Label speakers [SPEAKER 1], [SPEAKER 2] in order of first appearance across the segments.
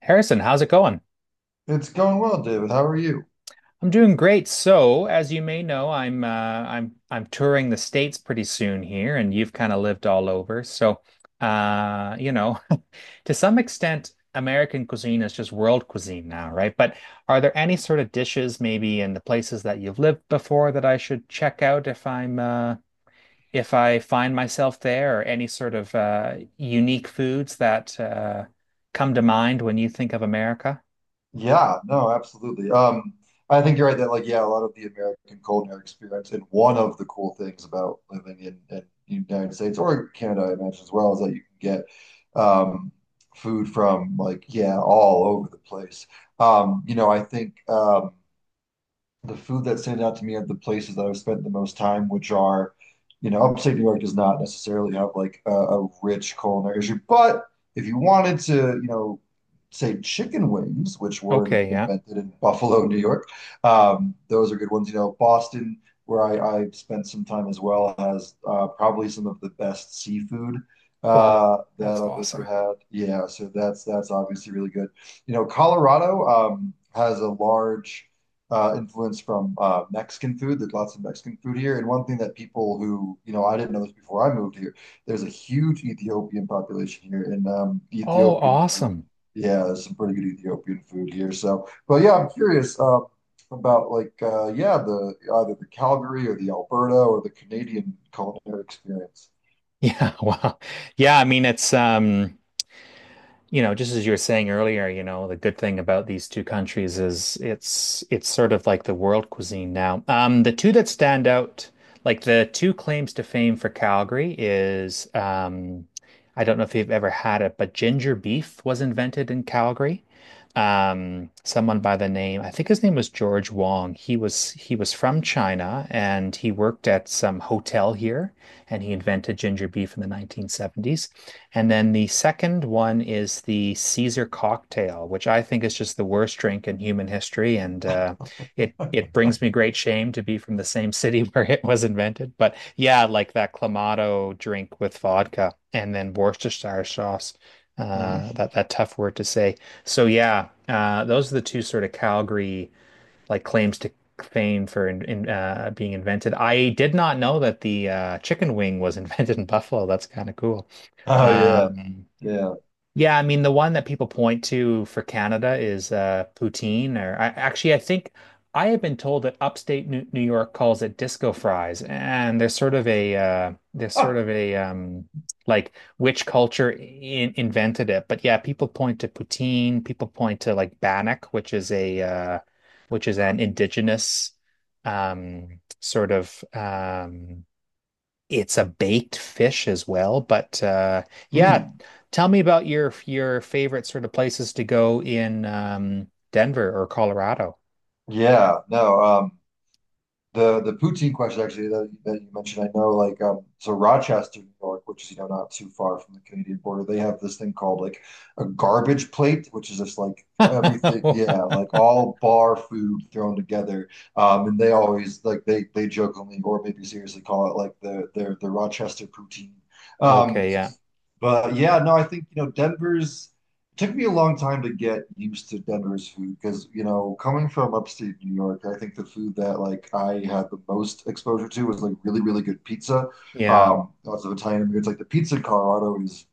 [SPEAKER 1] Harrison, how's it going?
[SPEAKER 2] It's going well, David. How are you?
[SPEAKER 1] I'm doing great. So, as you may know, I'm touring the States pretty soon here, and you've kind of lived all over. So, uh, you know, to some extent, American cuisine is just world cuisine now, right? But are there any sort of dishes maybe in the places that you've lived before that I should check out if I find myself there, or any sort of unique foods that come to mind when you think of America.
[SPEAKER 2] Yeah, no, absolutely. I think you're right that like yeah, a lot of the American culinary experience, and one of the cool things about living in the United States or Canada, I imagine as well, is that you can get um food from, like, yeah, all over the place. I think the food that stands out to me are the places that I've spent the most time, which are, you know, upstate New York does not necessarily have like a rich culinary issue. But if you wanted to, you know, say chicken wings, which were
[SPEAKER 1] Okay, yeah.
[SPEAKER 2] invented in Buffalo, New York, those are good ones. You know, Boston, where I spent some time as well, has probably some of the best seafood
[SPEAKER 1] Oh,
[SPEAKER 2] that
[SPEAKER 1] that's
[SPEAKER 2] I've ever
[SPEAKER 1] awesome.
[SPEAKER 2] had. Yeah, so that's obviously really good. You know, Colorado has a large influence from Mexican food. There's lots of Mexican food here. And one thing that people who, you know, I didn't know this before I moved here, there's a huge Ethiopian population here, and
[SPEAKER 1] Oh,
[SPEAKER 2] Ethiopian food.
[SPEAKER 1] awesome.
[SPEAKER 2] Yeah, there's some pretty good Ethiopian food here. So, but yeah, I'm curious about like, yeah, the either the Calgary or the Alberta or the Canadian culinary experience.
[SPEAKER 1] Yeah, wow. Yeah, I mean it's you know, just as you were saying earlier, you know, the good thing about these two countries is it's sort of like the world cuisine now. The two that stand out, like the two claims to fame for Calgary is I don't know if you've ever had it, but ginger beef was invented in Calgary. Someone by the name, I think his name was George Wong. He was from China and he worked at some hotel here, and he invented ginger beef in the 1970s. And then the second one is the Caesar cocktail, which I think is just the worst drink in human history. And It brings me great shame to be from the same city where it was invented. But yeah, like that Clamato drink with vodka and then Worcestershire sauce.
[SPEAKER 2] Mm.
[SPEAKER 1] That tough word to say. So yeah, those are the two sort of Calgary like claims to fame for being invented. I did not know that the chicken wing was invented in Buffalo. That's kind of cool.
[SPEAKER 2] Oh yeah,
[SPEAKER 1] Um,
[SPEAKER 2] yeah.
[SPEAKER 1] yeah, I mean the one that people point to for Canada is poutine. Or actually I think I have been told that upstate New York calls it disco fries, and there's sort of a
[SPEAKER 2] Ah,
[SPEAKER 1] like which culture invented it. But yeah, people point to poutine, people point to like bannock, which is a which is an indigenous sort of it's a baked fish as well. Yeah,
[SPEAKER 2] mm.
[SPEAKER 1] tell me about your favorite sort of places to go in Denver or Colorado.
[SPEAKER 2] Yeah, no. The poutine question actually that you mentioned, I know, like, so Rochester, New York, which is, you know, not too far from the Canadian border, they have this thing called like a garbage plate, which is just like everything, yeah, like all bar food thrown together. And they always like they jokingly or maybe seriously call it like the Rochester poutine. Um,
[SPEAKER 1] Okay, yeah,
[SPEAKER 2] but yeah, no, I think, you know, Denver's it took me a long time to get used to Denver's food because, you know, coming from upstate New York, I think the food that, like, I had the most exposure to was like really, really good pizza.
[SPEAKER 1] yeah,
[SPEAKER 2] Lots of Italian immigrants. Like the pizza in Colorado is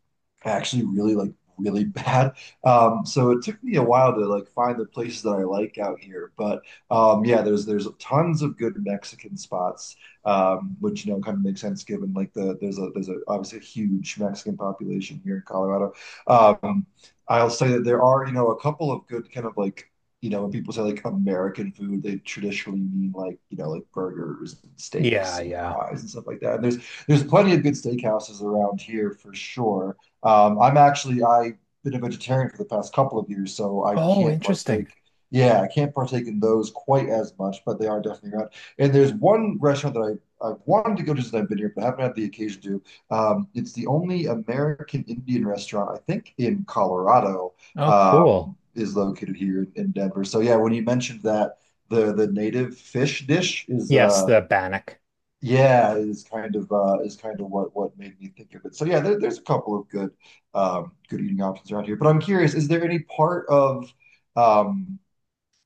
[SPEAKER 2] actually really, like, really bad. So it took me a while to like find the places that I like out here. But yeah, there's tons of good Mexican spots, which, you know, kind of makes sense given like the there's a obviously a huge Mexican population here in Colorado. Um, I'll say that there are, you know, a couple of good kind of like, you know, when people say like American food, they traditionally mean like, you know, like burgers and
[SPEAKER 1] yeah,
[SPEAKER 2] steaks and
[SPEAKER 1] yeah.
[SPEAKER 2] fries and stuff like that. And there's plenty of good steakhouses around here for sure. I've been a vegetarian for the past couple of years, so I
[SPEAKER 1] Oh,
[SPEAKER 2] can't
[SPEAKER 1] interesting.
[SPEAKER 2] partake. Yeah, I can't partake in those quite as much, but they are definitely around. And there's one restaurant that I've wanted to go to here, but haven't had the occasion to. It's the only American Indian restaurant, I think, in Colorado,
[SPEAKER 1] Oh,
[SPEAKER 2] um,
[SPEAKER 1] cool.
[SPEAKER 2] is located here in Denver. So yeah, when you mentioned that the native fish dish is
[SPEAKER 1] Yes, the Bannack.
[SPEAKER 2] yeah is kind of what made me think of it. So yeah, there, there's a couple of good good eating options around here. But I'm curious, is there any part of um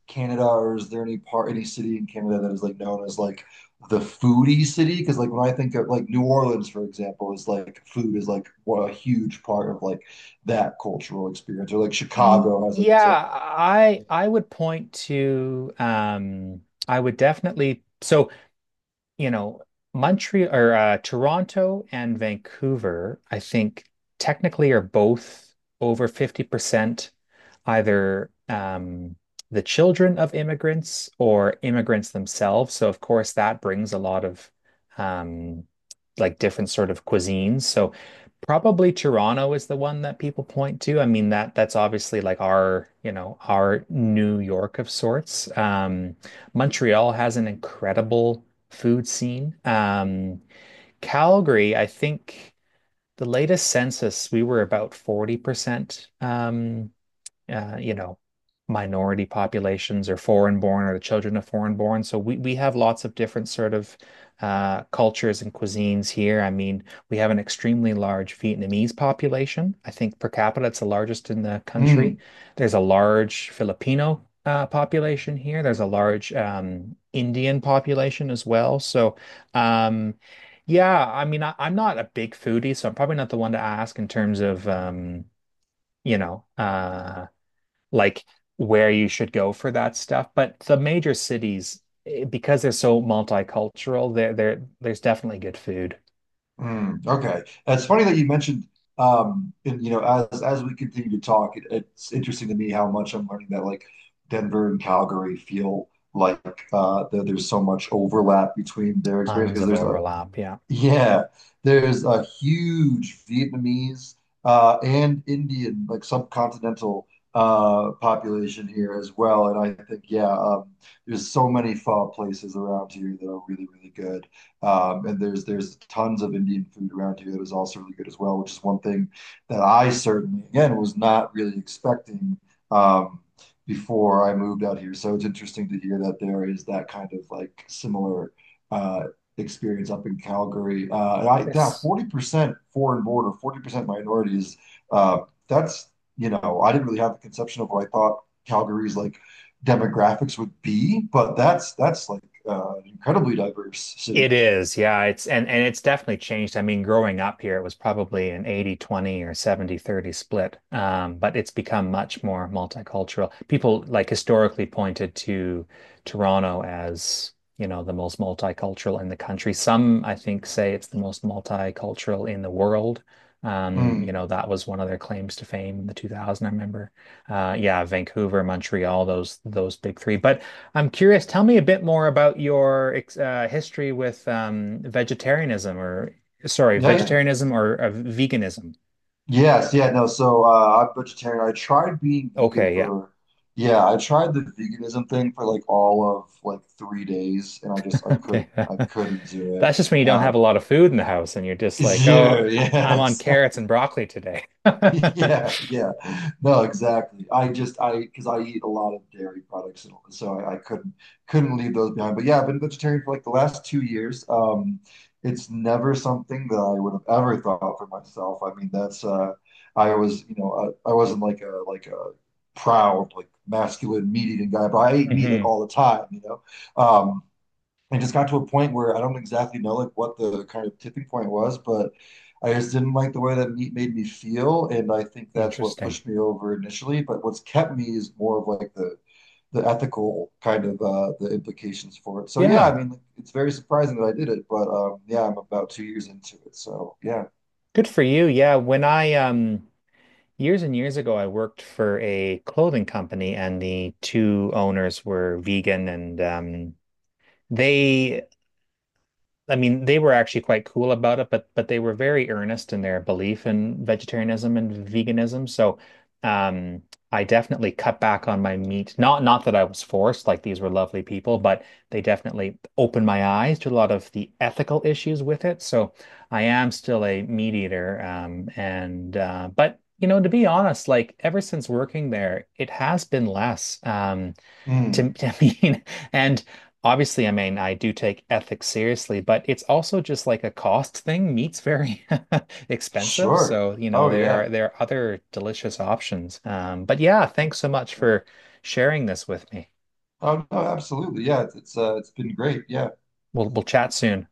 [SPEAKER 2] Canada, or is there any part, any city in Canada that is like known as like the foodie city? Because like when I think of like New Orleans, for example, is like food is like what a huge part of like that cultural experience, or like
[SPEAKER 1] Y-
[SPEAKER 2] Chicago has like its own.
[SPEAKER 1] Yeah, I I would point to I would definitely so you know, Montreal or Toronto and Vancouver, I think technically are both over 50%, either the children of immigrants or immigrants themselves. So, of course, that brings a lot of um, like different sort of cuisines. So, probably Toronto is the one that people point to. I mean that that's obviously like our, you know, our New York of sorts. Montreal has an incredible food scene. Calgary, I think the latest census we were about 40% you know, minority populations or foreign born or the children of foreign born. So we have lots of different sort of cultures and cuisines here. I mean, we have an extremely large Vietnamese population. I think per capita, it's the largest in the country.
[SPEAKER 2] Mm,
[SPEAKER 1] There's a large Filipino population here. There's a large Indian population as well. So, um, yeah, I mean, I'm not a big foodie, so I'm probably not the one to ask in terms of, you know, uh, like where you should go for that stuff. But the major cities, eh, because they're so multicultural, there's definitely good food.
[SPEAKER 2] mm, okay. It's funny that you mentioned, and, you know, as we continue to talk, it, it's interesting to me how much I'm learning that like Denver and Calgary feel like that there's so much overlap between their experience,
[SPEAKER 1] Tons
[SPEAKER 2] because
[SPEAKER 1] of
[SPEAKER 2] there's a,
[SPEAKER 1] overlap. Yeah.
[SPEAKER 2] yeah, there's a huge Vietnamese and Indian, like subcontinental population here as well. And I think, yeah, there's so many pho places around here that are really, really good. And there's tons of Indian food around here that is also really good as well, which is one thing that I certainly, again, was not really expecting um, before I moved out here. So it's interesting to hear that there is that kind of like similar. uh, experience up in Calgary. And I, yeah,
[SPEAKER 1] Yes.
[SPEAKER 2] 40% foreign border, 40% minorities. Uh, that's, you know, I didn't really have a conception of what I thought Calgary's like demographics would be, but that's like an incredibly diverse city.
[SPEAKER 1] It is, yeah. It's and it's definitely changed. I mean, growing up here, it was probably an 80-20 or 70-30 split. But it's become much more multicultural. People like historically pointed to Toronto as, you know, the most multicultural in the country. Some, I think, say it's the most multicultural in the world. You
[SPEAKER 2] Mm.
[SPEAKER 1] know, that was one of their claims to fame in the 2000, I remember. Yeah, Vancouver, Montreal, those big three. But I'm curious, tell me a bit more about your history with vegetarianism or, sorry,
[SPEAKER 2] Yeah, yeah.
[SPEAKER 1] vegetarianism or veganism.
[SPEAKER 2] Yes, yeah, no. So I'm vegetarian. I tried being vegan
[SPEAKER 1] Okay, yeah.
[SPEAKER 2] for, yeah, I tried the veganism thing for like all of like 3 days, and I just
[SPEAKER 1] Okay.
[SPEAKER 2] I couldn't do it.
[SPEAKER 1] That's just when you don't
[SPEAKER 2] Uh,
[SPEAKER 1] have a lot of food in the house and you're just like, oh,
[SPEAKER 2] yeah, yeah,
[SPEAKER 1] I'm on
[SPEAKER 2] exactly.
[SPEAKER 1] carrots and broccoli today.
[SPEAKER 2] Yeah, yeah. No, exactly. I just I because I eat a lot of dairy products, and so I couldn't leave those behind. But yeah, I've been vegetarian for like the last 2 years. It's never something that I would have ever thought for myself. I mean, that's I was, you know, I wasn't like a proud like masculine meat eating guy, but I ate meat like
[SPEAKER 1] hmm
[SPEAKER 2] all the time, you know. Um, I just got to a point where I don't exactly know like what the kind of tipping point was, but I just didn't like the way that meat made me feel, and I think that's what
[SPEAKER 1] Interesting.
[SPEAKER 2] pushed me over initially. But what's kept me is more of like the ethical kind of the implications for it. So yeah,
[SPEAKER 1] Yeah.
[SPEAKER 2] I mean, it's very surprising that I did it, but yeah, I'm about 2 years into it, so yeah.
[SPEAKER 1] Good for you. Yeah. When I years and years ago, I worked for a clothing company and the two owners were vegan, and, they I mean, they were actually quite cool about it, but they were very earnest in their belief in vegetarianism and veganism. So, um, I definitely cut back on my meat. Not that I was forced, like these were lovely people, but they definitely opened my eyes to a lot of the ethical issues with it. So, I am still a meat eater, and but you know, to be honest, like ever since working there, it has been less.
[SPEAKER 2] Mm,
[SPEAKER 1] I mean, and obviously, I mean, I do take ethics seriously, but it's also just like a cost thing. Meat's very expensive,
[SPEAKER 2] sure.
[SPEAKER 1] so you know
[SPEAKER 2] Oh
[SPEAKER 1] there
[SPEAKER 2] yeah.
[SPEAKER 1] are there are other delicious options. But yeah, thanks so much for sharing this with me.
[SPEAKER 2] Oh no, absolutely. Yeah, it's been great. Yeah.
[SPEAKER 1] We'll chat soon.